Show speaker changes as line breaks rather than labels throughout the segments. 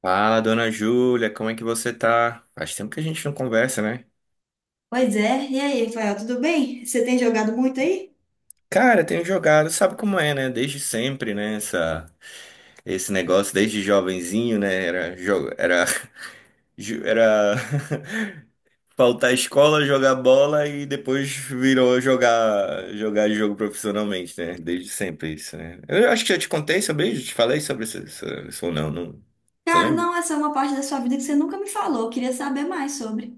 Fala, dona Júlia, como é que você tá? Faz tempo que a gente não conversa, né?
Pois é. E aí, Rafael, tudo bem? Você tem jogado muito aí?
Cara, tenho jogado, sabe como é, né? Desde sempre, né? Esse negócio, desde jovenzinho, né? Era faltar à escola, jogar bola e depois virou jogar jogo profissionalmente, né? Desde sempre isso, né? Eu acho que já te contei sobre isso, te falei sobre isso, isso ou não, não. Você
Cara,
lembra?
não, essa é uma parte da sua vida que você nunca me falou. Eu queria saber mais sobre.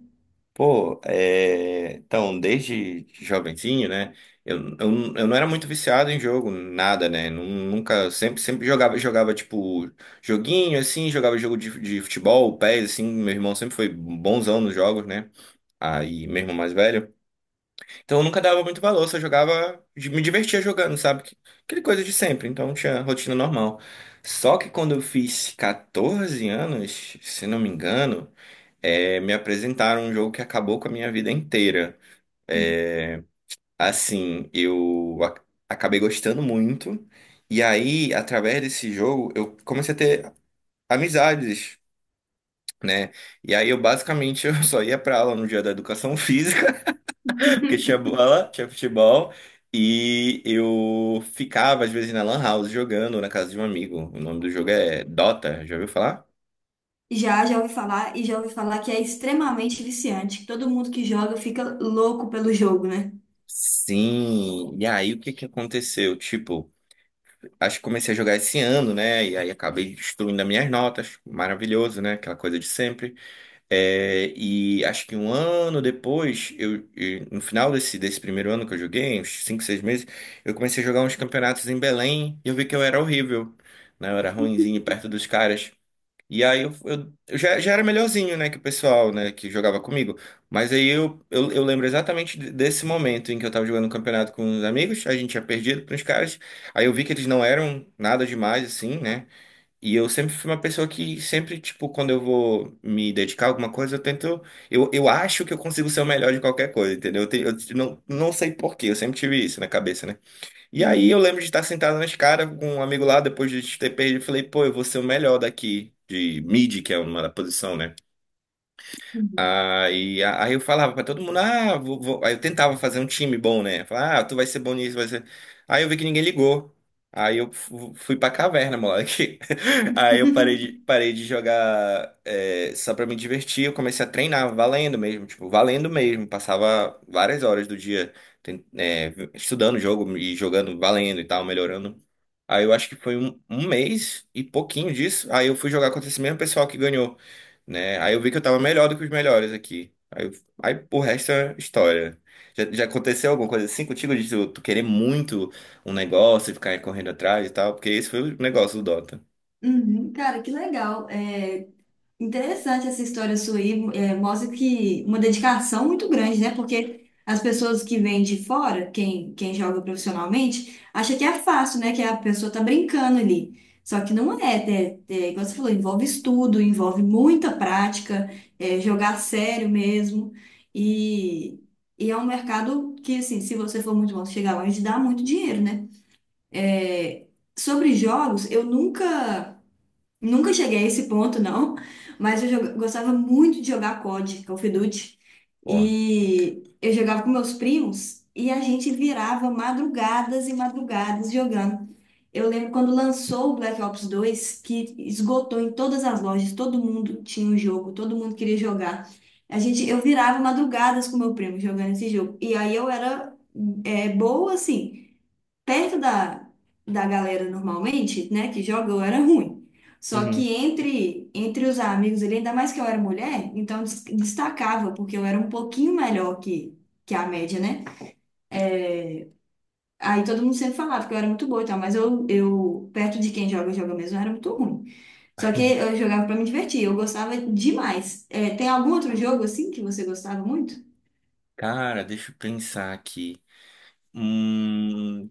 Pô, é, então, desde jovenzinho, né? Eu não era muito viciado em jogo, nada, né? Nunca, sempre jogava, tipo, joguinho, assim, jogava jogo de futebol, pés, assim. Meu irmão sempre foi bonzão nos jogos, né? Aí, meu irmão mais velho. Então, eu nunca dava muito valor, só jogava, me divertia jogando, sabe? Aquele coisa de sempre, então tinha rotina normal. Só que quando eu fiz 14 anos, se não me engano, me apresentaram um jogo que acabou com a minha vida inteira. É, assim, acabei gostando muito, e aí, através desse jogo, eu comecei a ter amizades, né? E aí, eu basicamente eu só ia pra aula no dia da educação física, porque tinha bola, tinha futebol. E eu ficava, às vezes, na Lan House jogando na casa de um amigo. O nome do jogo é Dota, já ouviu falar?
Já ouvi falar e já ouvi falar que é extremamente viciante, que todo mundo que joga fica louco pelo jogo, né?
Sim, e aí o que que aconteceu? Tipo, acho que comecei a jogar esse ano, né? E aí acabei destruindo as minhas notas. Maravilhoso, né? Aquela coisa de sempre. É, e acho que um ano depois, e no final desse primeiro ano que eu joguei, uns 5, 6 meses, eu comecei a jogar uns campeonatos em Belém e eu vi que eu era horrível, né? Eu era ruinzinho perto dos caras. E aí eu já era melhorzinho, né, que o pessoal, né, que jogava comigo. Mas aí eu lembro exatamente desse momento em que eu tava jogando um campeonato com uns amigos, a gente tinha perdido pros caras. Aí eu vi que eles não eram nada demais, assim, né? E eu sempre fui uma pessoa que sempre, tipo, quando eu vou me dedicar a alguma coisa, eu tento. Eu acho que eu consigo ser o melhor de qualquer coisa, entendeu? Eu não sei por quê, eu sempre tive isso na cabeça, né? E aí eu
Uhum,
lembro de estar sentado na escada com um amigo lá, depois de ter perdido, eu falei, pô, eu vou ser o melhor daqui, de mid, que é uma posição, né?
uhum.
Aí, aí eu falava pra todo mundo, ah, aí eu tentava fazer um time bom, né? Falava, ah, tu vai ser bom nisso, vai ser. Aí eu vi que ninguém ligou. Aí eu fui pra caverna, moleque. Aí eu parei de, parei de jogar, só pra me divertir. Eu comecei a treinar, valendo mesmo, tipo, valendo mesmo. Passava várias horas do dia estudando o jogo e jogando, valendo e tal, melhorando. Aí eu acho que foi um mês e pouquinho disso. Aí eu fui jogar contra esse mesmo pessoal que ganhou, né? Aí eu vi que eu tava melhor do que os melhores aqui. Aí, aí o resto é história. Já aconteceu alguma coisa assim contigo de tu querer muito um negócio e ficar correndo atrás e tal? Porque esse foi o negócio do Dota.
Uhum, cara, que legal. É, interessante essa história sua aí, é, mostra que uma dedicação muito grande, né? Porque as pessoas que vêm de fora, quem joga profissionalmente, acha que é fácil, né? Que a pessoa tá brincando ali. Só que não é, igual você falou, envolve estudo, envolve muita prática, é, jogar sério mesmo. E, e é um mercado que, assim, se você for muito bom chegar longe, dá muito dinheiro, né? É, sobre jogos, eu nunca. Nunca cheguei a esse ponto, não, mas eu gostava muito de jogar COD, Call of Duty,
Porra.
e eu jogava com meus primos e a gente virava madrugadas e madrugadas jogando. Eu lembro quando lançou o Black Ops 2 que esgotou em todas as lojas, todo mundo tinha o jogo, todo mundo queria jogar. A gente, eu virava madrugadas com meu primo jogando esse jogo, e aí eu era é, boa, assim, perto da, da galera normalmente, né, que joga, eu era ruim. Só
Uhum.
que entre os amigos ali, ainda mais que eu era mulher, então destacava, porque eu era um pouquinho melhor que a média, né? Aí todo mundo sempre falava que eu era muito boa e tal, mas eu perto de quem joga, joga mesmo, eu era muito ruim. Só que eu jogava pra me divertir, eu gostava demais. É, tem algum outro jogo assim que você gostava muito?
Cara, deixa eu pensar aqui. Hum.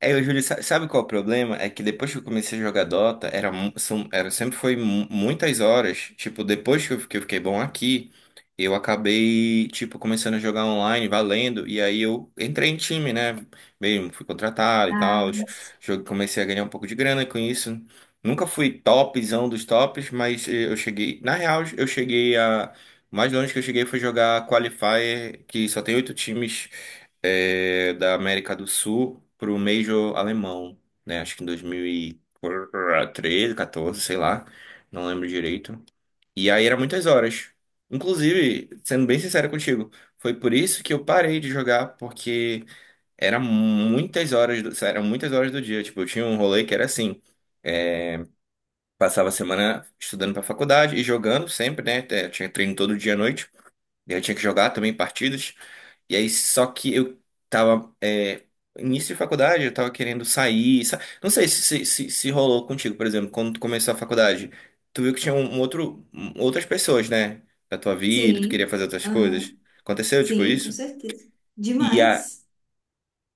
É, o Júlio, sabe qual é o problema? É que depois que eu comecei a jogar Dota, era sempre foi muitas horas. Tipo, depois que eu fiquei bom aqui, eu acabei, tipo, começando a jogar online, valendo. E aí eu entrei em time, né? Mesmo, fui contratado e tal.
Ah,
Jogo, comecei a ganhar um pouco de grana com isso. Nunca fui topzão dos tops, mas eu cheguei. Na real, eu cheguei a. O mais longe que eu cheguei foi jogar Qualifier, que só tem oito times, da América do Sul para o Major alemão, né? Acho que em 2013, 14, sei lá, não lembro direito. E aí era muitas horas. Inclusive, sendo bem sincero contigo, foi por isso que eu parei de jogar, porque era muitas horas, eram muitas horas do dia. Tipo, eu tinha um rolê que era assim. é, Passava a semana estudando para faculdade e jogando sempre, né? Tinha treino todo dia à noite. E eu tinha que jogar também partidas. E aí, só que eu tava. Início de faculdade, eu tava querendo sair. Não sei se rolou contigo, por exemplo, quando tu começou a faculdade. Tu viu que tinha um outro, outras pessoas, né? Da tua vida, tu queria
sim.
fazer outras
Aham,
coisas. Aconteceu, tipo,
sim, com
isso?
certeza.
E, a,
Demais.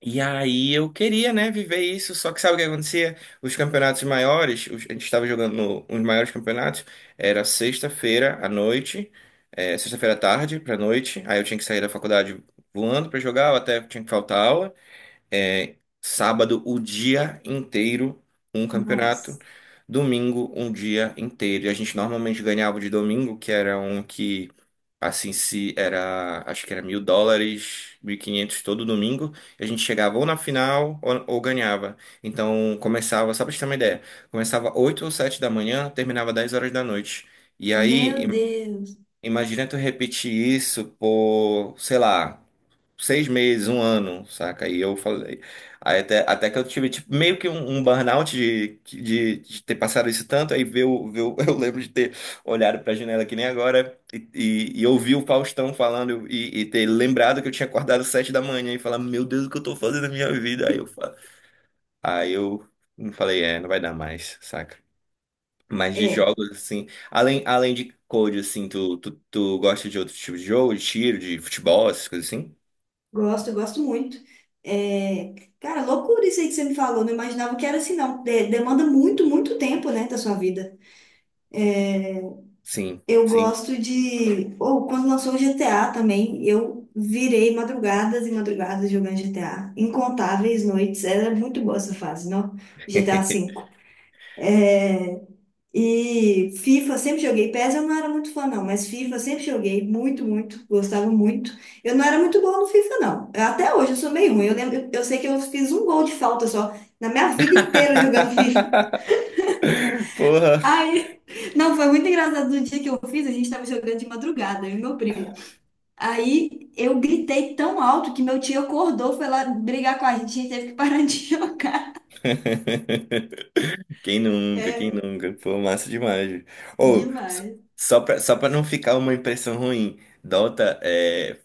e aí eu queria, né, viver isso, só que sabe o que acontecia? Os campeonatos maiores, a gente estava jogando no, os maiores campeonatos, era sexta-feira à noite, sexta-feira à tarde pra noite, aí eu tinha que sair da faculdade voando pra jogar, eu até tinha que faltar aula, é, sábado, o dia inteiro, um campeonato.
Nossa.
Domingo, um dia inteiro. E a gente normalmente ganhava de domingo, que era um que, assim, se era, acho que era US$ 1.000, 1.500 todo domingo. E a gente chegava ou na final ou, ganhava. Então, começava, só pra gente ter uma ideia, começava 8 ou 7 da manhã, terminava 10 horas da noite. E aí,
Meu Deus.
imagina tu repetir isso por, sei lá, seis meses, um ano, saca? E eu falei. Aí até que eu tive tipo, meio que um burnout de ter passado isso tanto, aí ver eu lembro de ter olhado pra janela que nem agora e ouvir o Faustão falando e ter lembrado que eu tinha acordado 7 da manhã e falar, meu Deus, o que eu tô fazendo na minha vida? Aí eu falei, é, não vai dar mais, saca? Mas de
É,
jogos, assim, além de code, assim, tu gosta de outro tipo de jogo, de tiro, de futebol, essas coisas assim?
gosto, gosto muito. É, cara, loucura isso aí que você me falou. Não imaginava que era assim, não. Demanda muito, muito tempo, né, da sua vida.
Sim.
Eu
Sim.
gosto de. Ou quando lançou o GTA também, eu virei madrugadas e madrugadas jogando GTA. Incontáveis noites. Era muito boa essa fase, não? GTA V. E FIFA, sempre joguei. PES eu não era muito fã, não, mas FIFA sempre joguei muito, muito, gostava muito. Eu não era muito boa no FIFA, não. Até hoje eu sou meio ruim. Eu lembro, eu sei que eu fiz um gol de falta só na minha vida inteira jogando FIFA.
Porra.
Ai, não, foi muito engraçado no dia que eu fiz, a gente tava jogando de madrugada, eu e meu primo. Aí eu gritei tão alto que meu tio acordou, foi lá brigar com a gente teve que parar de jogar.
Quem nunca, quem
É,
nunca? Pô, massa demais. Ou,
demais.
só pra não ficar uma impressão ruim, Dota é.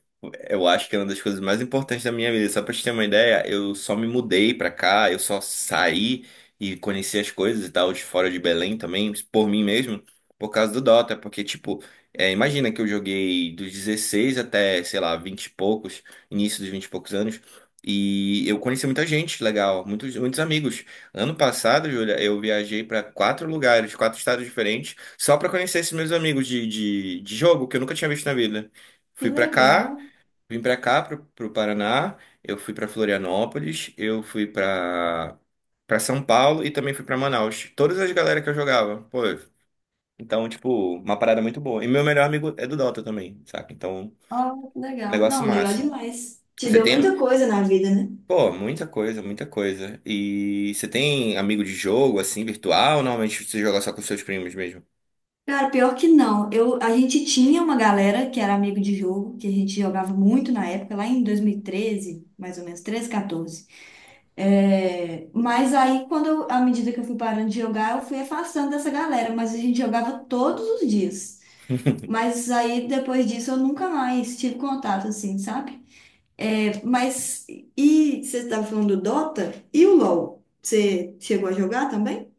Eu acho que é uma das coisas mais importantes da minha vida. Só pra te ter uma ideia, eu só me mudei pra cá, eu só saí e conheci as coisas e tal, de fora de Belém também, por mim mesmo, por causa do Dota. Porque, tipo, é, imagina que eu joguei dos 16 até, sei lá, 20 e poucos, início dos 20 e poucos anos, e eu conheci muita gente legal, muitos, muitos amigos. Ano passado, Júlia, eu viajei para quatro lugares, quatro estados diferentes, só para conhecer esses meus amigos de jogo que eu nunca tinha visto na vida.
Que
Fui para cá,
legal.
vim para cá, pro Paraná, eu fui para Florianópolis, eu fui para São Paulo e também fui para Manaus. Todas as galera que eu jogava, pô. Então, tipo, uma parada muito boa. E meu melhor amigo é do Dota também, saca? Então, um
Ah, que legal.
negócio
Não, legal
massa.
demais. Te
Você
deu
tem.
muita coisa na vida, né?
Pô, muita coisa, muita coisa. E você tem amigo de jogo, assim, virtual, ou normalmente você joga só com seus primos mesmo?
Cara, pior que não. Eu, a gente tinha uma galera que era amigo de jogo, que a gente jogava muito na época, lá em 2013, mais ou menos, 13, 14. É, mas aí, quando à medida que eu fui parando de jogar, eu fui afastando dessa galera, mas a gente jogava todos os dias. Mas aí, depois disso, eu nunca mais tive contato, assim, sabe? É, mas, e você estava falando do Dota e o LoL? Você chegou a jogar também?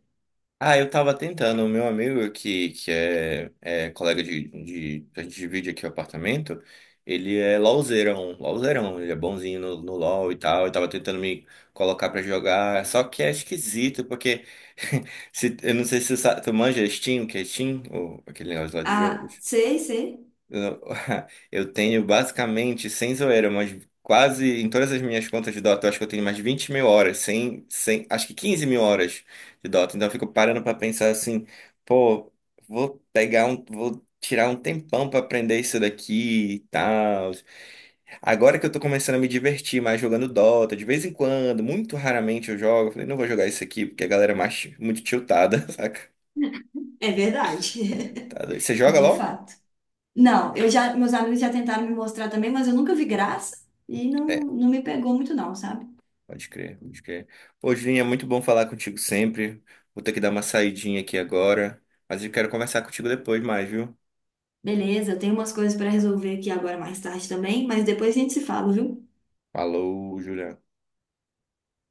Ah, eu tava tentando. O meu amigo, que é colega de. A gente divide aqui o apartamento. Ele é LOLzeirão, LOLzeirão. Ele é bonzinho no LOL e tal. Eu tava tentando me colocar pra jogar. Só que é esquisito, porque. Eu não sei se tu manja Steam, que é Steam, ou aquele negócio lá de jogo.
Ah, sei, sei.
Eu eu tenho basicamente, sem zoeira, mas quase em todas as minhas contas de Dota, eu acho que eu tenho mais de 20.000 horas, sem, sem, acho que 15.000 horas de Dota. Então eu fico parando pra pensar assim, pô, vou tirar um tempão pra aprender isso daqui e tal. Agora que eu tô começando a me divertir mais jogando Dota, de vez em quando, muito raramente eu jogo, eu falei, não vou jogar isso aqui porque a galera é mais muito tiltada, saca?
É verdade.
Tá doido. Você joga
De
LOL?
fato. Não, eu já, meus amigos já tentaram me mostrar também, mas eu nunca vi graça e não,
É.
não me pegou muito não, sabe?
Pode crer, pode crer. Pô, Julinho, é muito bom falar contigo sempre. Vou ter que dar uma saidinha aqui agora, mas eu quero conversar contigo depois mais, viu?
Beleza, eu tenho umas coisas para resolver aqui agora mais tarde também, mas depois a gente se fala, viu?
Falou, Juliano.